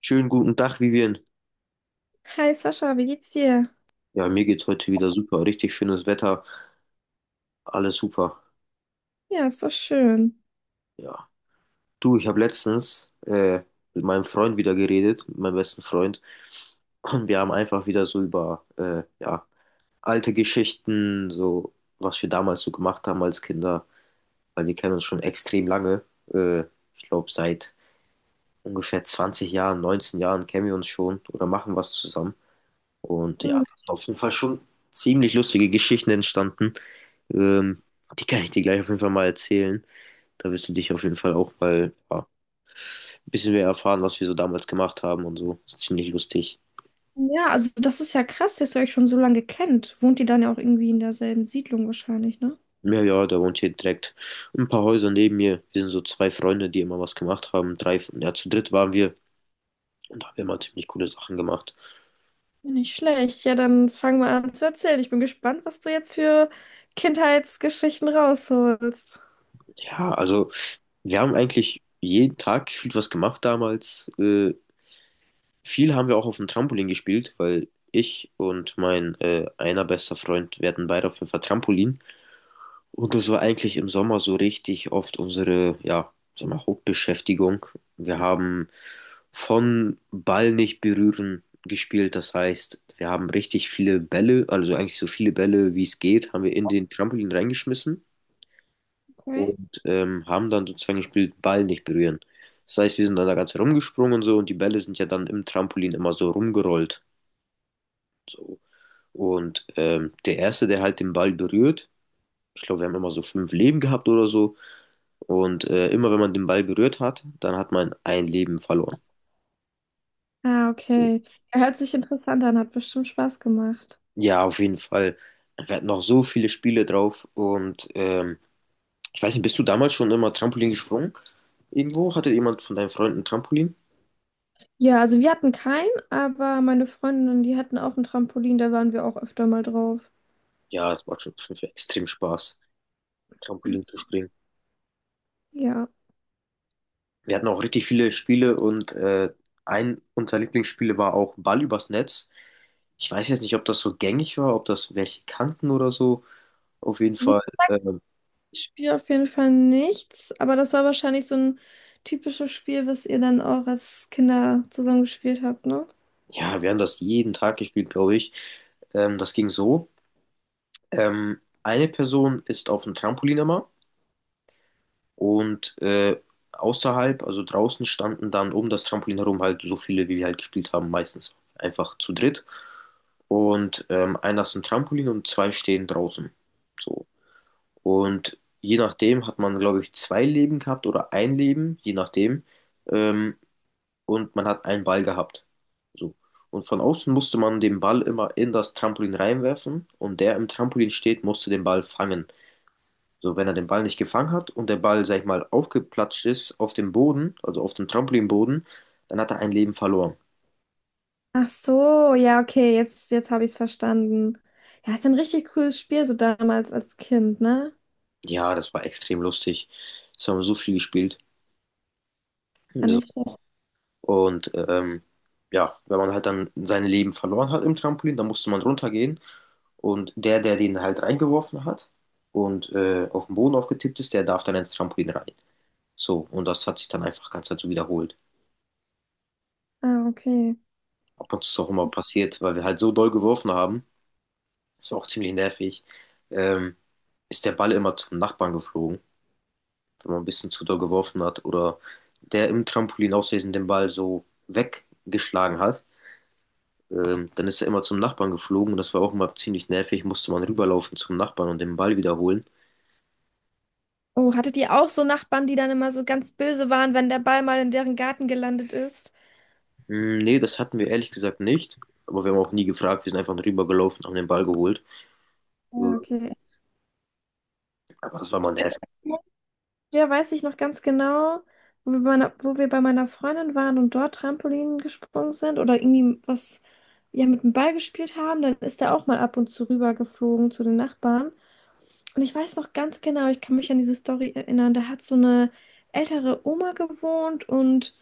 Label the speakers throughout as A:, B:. A: Schönen guten Tag, Vivian.
B: Hi Sascha, wie geht's dir?
A: Ja, mir geht's heute wieder super. Richtig schönes Wetter, alles super.
B: Ja, ist doch schön.
A: Ja. Du, ich habe letztens mit meinem Freund wieder geredet, mit meinem besten Freund. Und wir haben einfach wieder so über ja, alte Geschichten, so was wir damals so gemacht haben als Kinder, weil wir kennen uns schon extrem lange. Äh, Ich glaube, seit ungefähr 20 Jahren, 19 Jahren kennen wir uns schon oder machen was zusammen. Und ja,
B: Hm.
A: da sind auf jeden Fall schon ziemlich lustige Geschichten entstanden. Ähm, die kann ich dir gleich auf jeden Fall mal erzählen. Da wirst du dich auf jeden Fall auch mal ja, ein bisschen mehr erfahren, was wir so damals gemacht haben und so. Ist ziemlich lustig.
B: Ja, also das ist ja krass, dass ihr euch schon so lange kennt. Wohnt ihr dann ja auch irgendwie in derselben Siedlung wahrscheinlich, ne?
A: Ja, ja, da wohnt hier direkt ein paar Häuser neben mir. Wir sind so zwei Freunde, die immer was gemacht haben. Drei, ja, zu dritt waren wir und da haben wir immer ziemlich coole Sachen gemacht.
B: Nicht schlecht. Ja, dann fang mal an zu erzählen. Ich bin gespannt, was du jetzt für Kindheitsgeschichten rausholst.
A: Ja, also wir haben eigentlich jeden Tag gefühlt was gemacht damals. Viel haben wir auch auf dem Trampolin gespielt, weil ich und mein einer bester Freund, wir hatten beide auf jeden Fall Trampolin. Und das war eigentlich im Sommer so richtig oft unsere, ja, sagen wir, mal, Hauptbeschäftigung. Wir haben von Ball nicht berühren gespielt. Das heißt, wir haben richtig viele Bälle, also eigentlich so viele Bälle, wie es geht, haben wir in den Trampolin reingeschmissen
B: Okay.
A: und haben dann sozusagen gespielt, Ball nicht berühren. Das heißt, wir sind dann da ganz herumgesprungen und so und die Bälle sind ja dann im Trampolin immer so rumgerollt. So. Und der Erste, der halt den Ball berührt, ich glaube, wir haben immer so fünf Leben gehabt oder so, Und immer wenn man den Ball berührt hat, dann hat man ein Leben verloren.
B: Ah,
A: So.
B: okay. Er hört sich interessant an, hat bestimmt Spaß gemacht.
A: Ja, auf jeden Fall. Wir hatten noch so viele Spiele drauf. Und ich weiß nicht, bist du damals schon immer Trampolin gesprungen? Irgendwo? Hatte jemand von deinen Freunden Trampolin?
B: Ja, also wir hatten keinen, aber meine Freundinnen, die hatten auch ein Trampolin, da waren wir auch öfter mal drauf.
A: Ja, das macht schon für extrem Spaß, Trampolin zu springen.
B: Ja.
A: Wir hatten auch richtig viele Spiele und ein unserer Lieblingsspiele war auch Ball übers Netz. Ich weiß jetzt nicht, ob das so gängig war, ob das welche kannten oder so. Auf jeden Fall. äh,
B: Spiel auf jeden Fall nichts, aber das war wahrscheinlich so ein typisches Spiel, was ihr dann auch als Kinder zusammen gespielt habt, ne?
A: Ja, wir haben das jeden Tag gespielt, glaube ich. Das ging so. Eine Person ist auf dem Trampolin immer und außerhalb, also draußen, standen dann um das Trampolin herum halt so viele, wie wir halt gespielt haben, meistens einfach zu dritt. Und einer ist im Trampolin und zwei stehen draußen. So. Und je nachdem hat man, glaube ich, zwei Leben gehabt oder ein Leben, je nachdem. Ähm, und man hat einen Ball gehabt. So. Und von außen musste man den Ball immer in das Trampolin reinwerfen und der im Trampolin steht, musste den Ball fangen. So, wenn er den Ball nicht gefangen hat und der Ball, sag ich mal, aufgeplatscht ist auf dem Boden, also auf dem Trampolinboden, dann hat er ein Leben verloren.
B: Ach so, ja, okay, jetzt habe ich es verstanden. Ja, ist ein richtig cooles Spiel, so damals als Kind, ne?
A: Ja, das war extrem lustig. Das haben wir so viel gespielt.
B: War
A: Das
B: nicht schlecht.
A: Und ja, wenn man halt dann sein Leben verloren hat im Trampolin, dann musste man runtergehen. Und der, der den halt reingeworfen hat und auf den Boden aufgetippt ist, der darf dann ins Trampolin rein. So, und das hat sich dann einfach ganz dazu wiederholt.
B: Ah, okay.
A: Ab und zu ist auch immer passiert, weil wir halt so doll geworfen haben, das war auch ziemlich nervig, ähm, ist der Ball immer zum Nachbarn geflogen, wenn man ein bisschen zu doll geworfen hat oder der im Trampolin aus Versehen den Ball so weggeschlagen hat. Dann ist er immer zum Nachbarn geflogen und das war auch immer ziemlich nervig. Musste man rüberlaufen zum Nachbarn und den Ball wiederholen.
B: Oh, hattet ihr auch so Nachbarn, die dann immer so ganz böse waren, wenn der Ball mal in deren Garten gelandet ist?
A: Hm, nee, das hatten wir ehrlich gesagt nicht. Aber wir haben auch nie gefragt. Wir sind einfach rübergelaufen, haben den Ball geholt. Äh,
B: Ja, okay.
A: aber das war
B: Ich
A: mal
B: weiß.
A: nervig.
B: Ja, weiß ich noch ganz genau, wo wir bei meiner Freundin waren und dort Trampolin gesprungen sind oder irgendwie was ja mit dem Ball gespielt haben, dann ist er auch mal ab und zu rübergeflogen zu den Nachbarn. Und ich weiß noch ganz genau, ich kann mich an diese Story erinnern, da hat so eine ältere Oma gewohnt und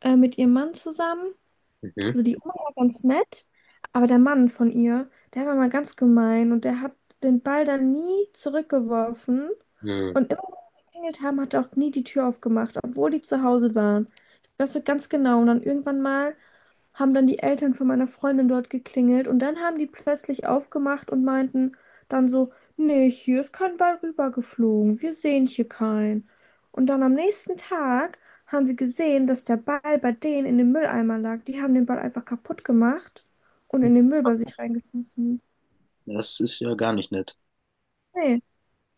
B: mit ihrem Mann zusammen.
A: Mhm.
B: Also die Oma war ganz nett, aber der Mann von ihr, der war mal ganz gemein und der hat den Ball dann nie zurückgeworfen.
A: Mhm.
B: Und immer, wenn wir geklingelt haben, hat er auch nie die Tür aufgemacht, obwohl die zu Hause waren. Ich weiß noch ganz genau. Und dann irgendwann mal haben dann die Eltern von meiner Freundin dort geklingelt und dann haben die plötzlich aufgemacht und meinten dann so, nee, hier ist kein Ball rübergeflogen, wir sehen hier keinen. Und dann am nächsten Tag haben wir gesehen, dass der Ball bei denen in dem Mülleimer lag. Die haben den Ball einfach kaputt gemacht und in den Müll bei sich reingeschmissen.
A: Das ist ja gar nicht nett.
B: Nee,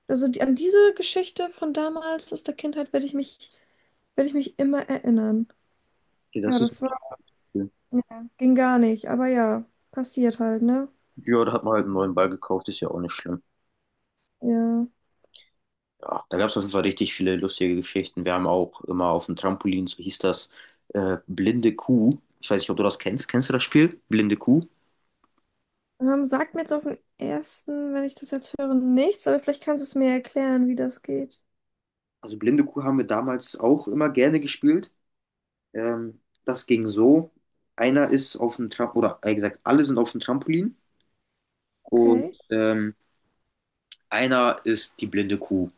B: also an diese Geschichte von damals aus der Kindheit werde ich mich immer erinnern.
A: Nee,
B: Ja,
A: das ist
B: das war,
A: nicht cool.
B: ja, ging gar nicht, aber ja, passiert halt, ne?
A: Ja, da hat man halt einen neuen Ball gekauft, ist ja auch nicht schlimm.
B: Ja.
A: Ja, da gab es auf jeden Fall richtig viele lustige Geschichten. Wir haben auch immer auf dem Trampolin, so hieß das, blinde Kuh. Ich weiß nicht, ob du das kennst. Kennst du das Spiel? Blinde Kuh?
B: Sagt mir jetzt auf den ersten, wenn ich das jetzt höre, nichts, aber vielleicht kannst du es mir erklären, wie das geht.
A: Also Blinde Kuh haben wir damals auch immer gerne gespielt. Das ging so. Einer ist auf dem Trampolin, oder eher gesagt, alle sind auf dem Trampolin und
B: Okay.
A: einer ist die blinde Kuh.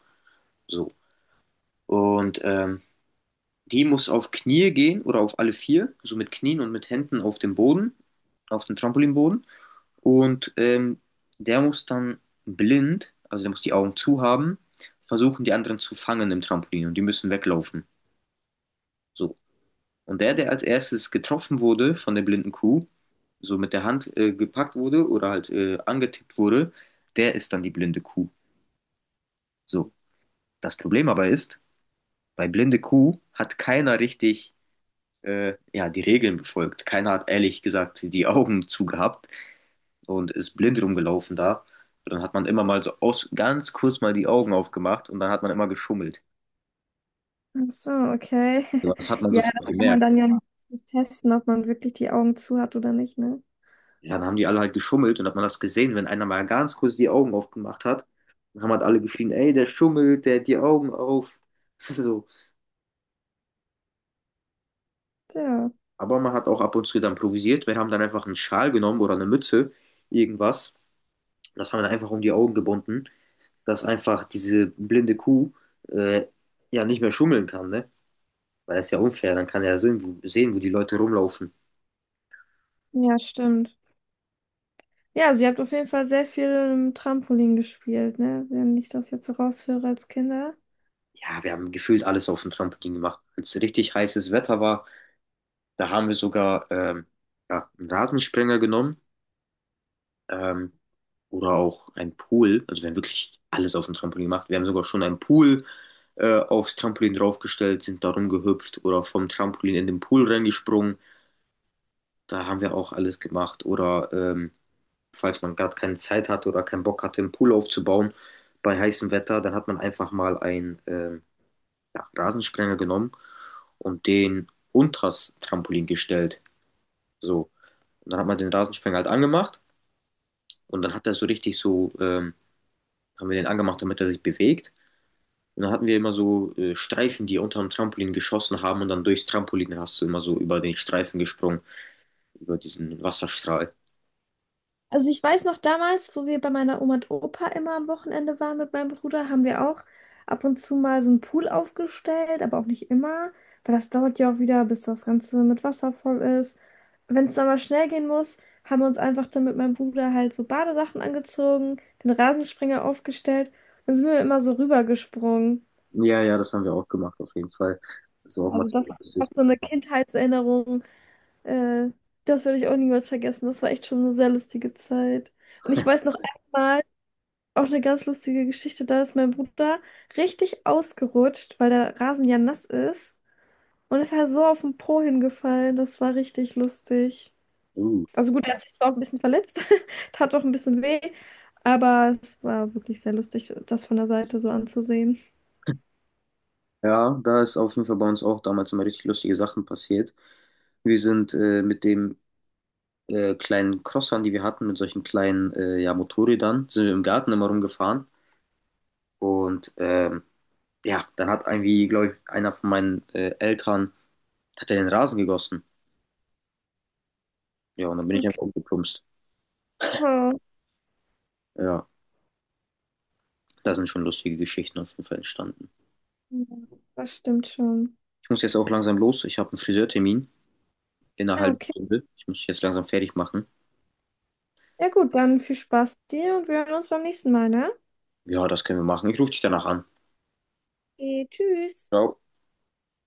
A: So. Und die muss auf Knie gehen oder auf alle vier, so mit Knien und mit Händen auf dem Boden, auf dem Trampolinboden. Und der muss dann blind, also der muss die Augen zu haben, versuchen, die anderen zu fangen im Trampolin und die müssen weglaufen. So. Und der, der als erstes getroffen wurde von der blinden Kuh, so mit der Hand gepackt wurde oder halt angetippt wurde, der ist dann die blinde Kuh. So, das Problem aber ist, bei blinde Kuh hat keiner richtig ja, die Regeln befolgt. Keiner hat ehrlich gesagt die Augen zugehabt und ist blind rumgelaufen da. Und dann hat man immer mal so aus, ganz kurz mal die Augen aufgemacht und dann hat man immer geschummelt.
B: Ach so, okay.
A: So. Das hat man
B: Ja,
A: sofort
B: da kann man
A: gemerkt.
B: dann ja nicht richtig testen, ob man wirklich die Augen zu hat oder nicht, ne?
A: Ja, dann haben die alle halt geschummelt und hat man das gesehen, wenn einer mal ganz kurz die Augen aufgemacht hat, dann haben halt alle geschrien, ey, der schummelt, der hat die Augen auf. So.
B: Ja,
A: Aber man hat auch ab und zu dann improvisiert. Wir haben dann einfach einen Schal genommen oder eine Mütze, irgendwas. Das haben wir dann einfach um die Augen gebunden, dass einfach diese blinde Kuh äh, ja nicht mehr schummeln kann, ne? Weil das ist ja unfair, dann kann er ja sehen, sehen, wo die Leute rumlaufen.
B: ja, stimmt. Ja, also ihr habt auf jeden Fall sehr viel im Trampolin gespielt, ne? Wenn ich das jetzt so raushöre als Kinder.
A: Ja, wir haben gefühlt alles auf dem Trampolin gemacht. Als richtig heißes Wetter war, da haben wir sogar ja, einen Rasensprenger genommen ähm, oder auch einen Pool. Also wir haben wirklich alles auf dem Trampolin gemacht. Wir haben sogar schon einen Pool aufs Trampolin draufgestellt, sind da rumgehüpft oder vom Trampolin in den Pool reingesprungen. Da haben wir auch alles gemacht. Oder falls man gerade keine Zeit hatte oder keinen Bock hatte, einen Pool aufzubauen bei heißem Wetter, dann hat man einfach mal einen ja, Rasensprenger genommen und den unters Trampolin gestellt. So. Und dann hat man den Rasensprenger halt angemacht und dann hat er so richtig so, haben wir den angemacht, damit er sich bewegt. Und dann hatten wir immer so Streifen, die unter dem Trampolin geschossen haben und dann durchs Trampolin hast du immer so über den Streifen gesprungen, über diesen Wasserstrahl.
B: Also ich weiß noch damals, wo wir bei meiner Oma und Opa immer am Wochenende waren mit meinem Bruder, haben wir auch ab und zu mal so einen Pool aufgestellt, aber auch nicht immer, weil das dauert ja auch wieder, bis das Ganze mit Wasser voll ist. Wenn es dann mal schnell gehen muss, haben wir uns einfach dann mit meinem Bruder halt so Badesachen angezogen, den Rasensprenger aufgestellt und sind wir immer so rübergesprungen.
A: Ja, ja, das haben wir auch gemacht, auf jeden Fall. Das war auch mal
B: Also das
A: ziemlich
B: ist auch
A: lustig.
B: so eine Kindheitserinnerung. Äh, Das werde ich auch niemals vergessen. Das war echt schon eine sehr lustige Zeit. Und ich weiß noch, auch eine ganz lustige Geschichte. Da ist mein Bruder richtig ausgerutscht, weil der Rasen ja nass ist und ist halt so auf den Po hingefallen. Das war richtig lustig.
A: Uh.
B: Also gut, er hat sich zwar auch ein bisschen verletzt, tat auch ein bisschen weh, aber es war wirklich sehr lustig, das von der Seite so anzusehen.
A: Ja, da ist auf jeden Fall bei uns auch damals immer richtig lustige Sachen passiert. Wir sind mit dem kleinen Crossern, die wir hatten, mit solchen kleinen ja, Motorrädern, sind wir im Garten immer rumgefahren. Und ja, dann hat irgendwie, glaube ich, einer von meinen Eltern, hat er den Rasen gegossen. Ja, und dann bin ich
B: Okay.
A: einfach umgeplumpst.
B: Oh,
A: Ja, da sind schon lustige Geschichten auf jeden Fall entstanden.
B: das stimmt schon.
A: Ich muss jetzt auch langsam los. Ich habe einen Friseurtermin in einer
B: Ja,
A: halben
B: okay.
A: Stunde. Ich muss mich jetzt langsam fertig machen.
B: Ja gut, dann viel Spaß dir und wir hören uns beim nächsten Mal, ne?
A: Ja, das können wir machen. Ich rufe dich danach an.
B: Okay, tschüss.
A: Ciao.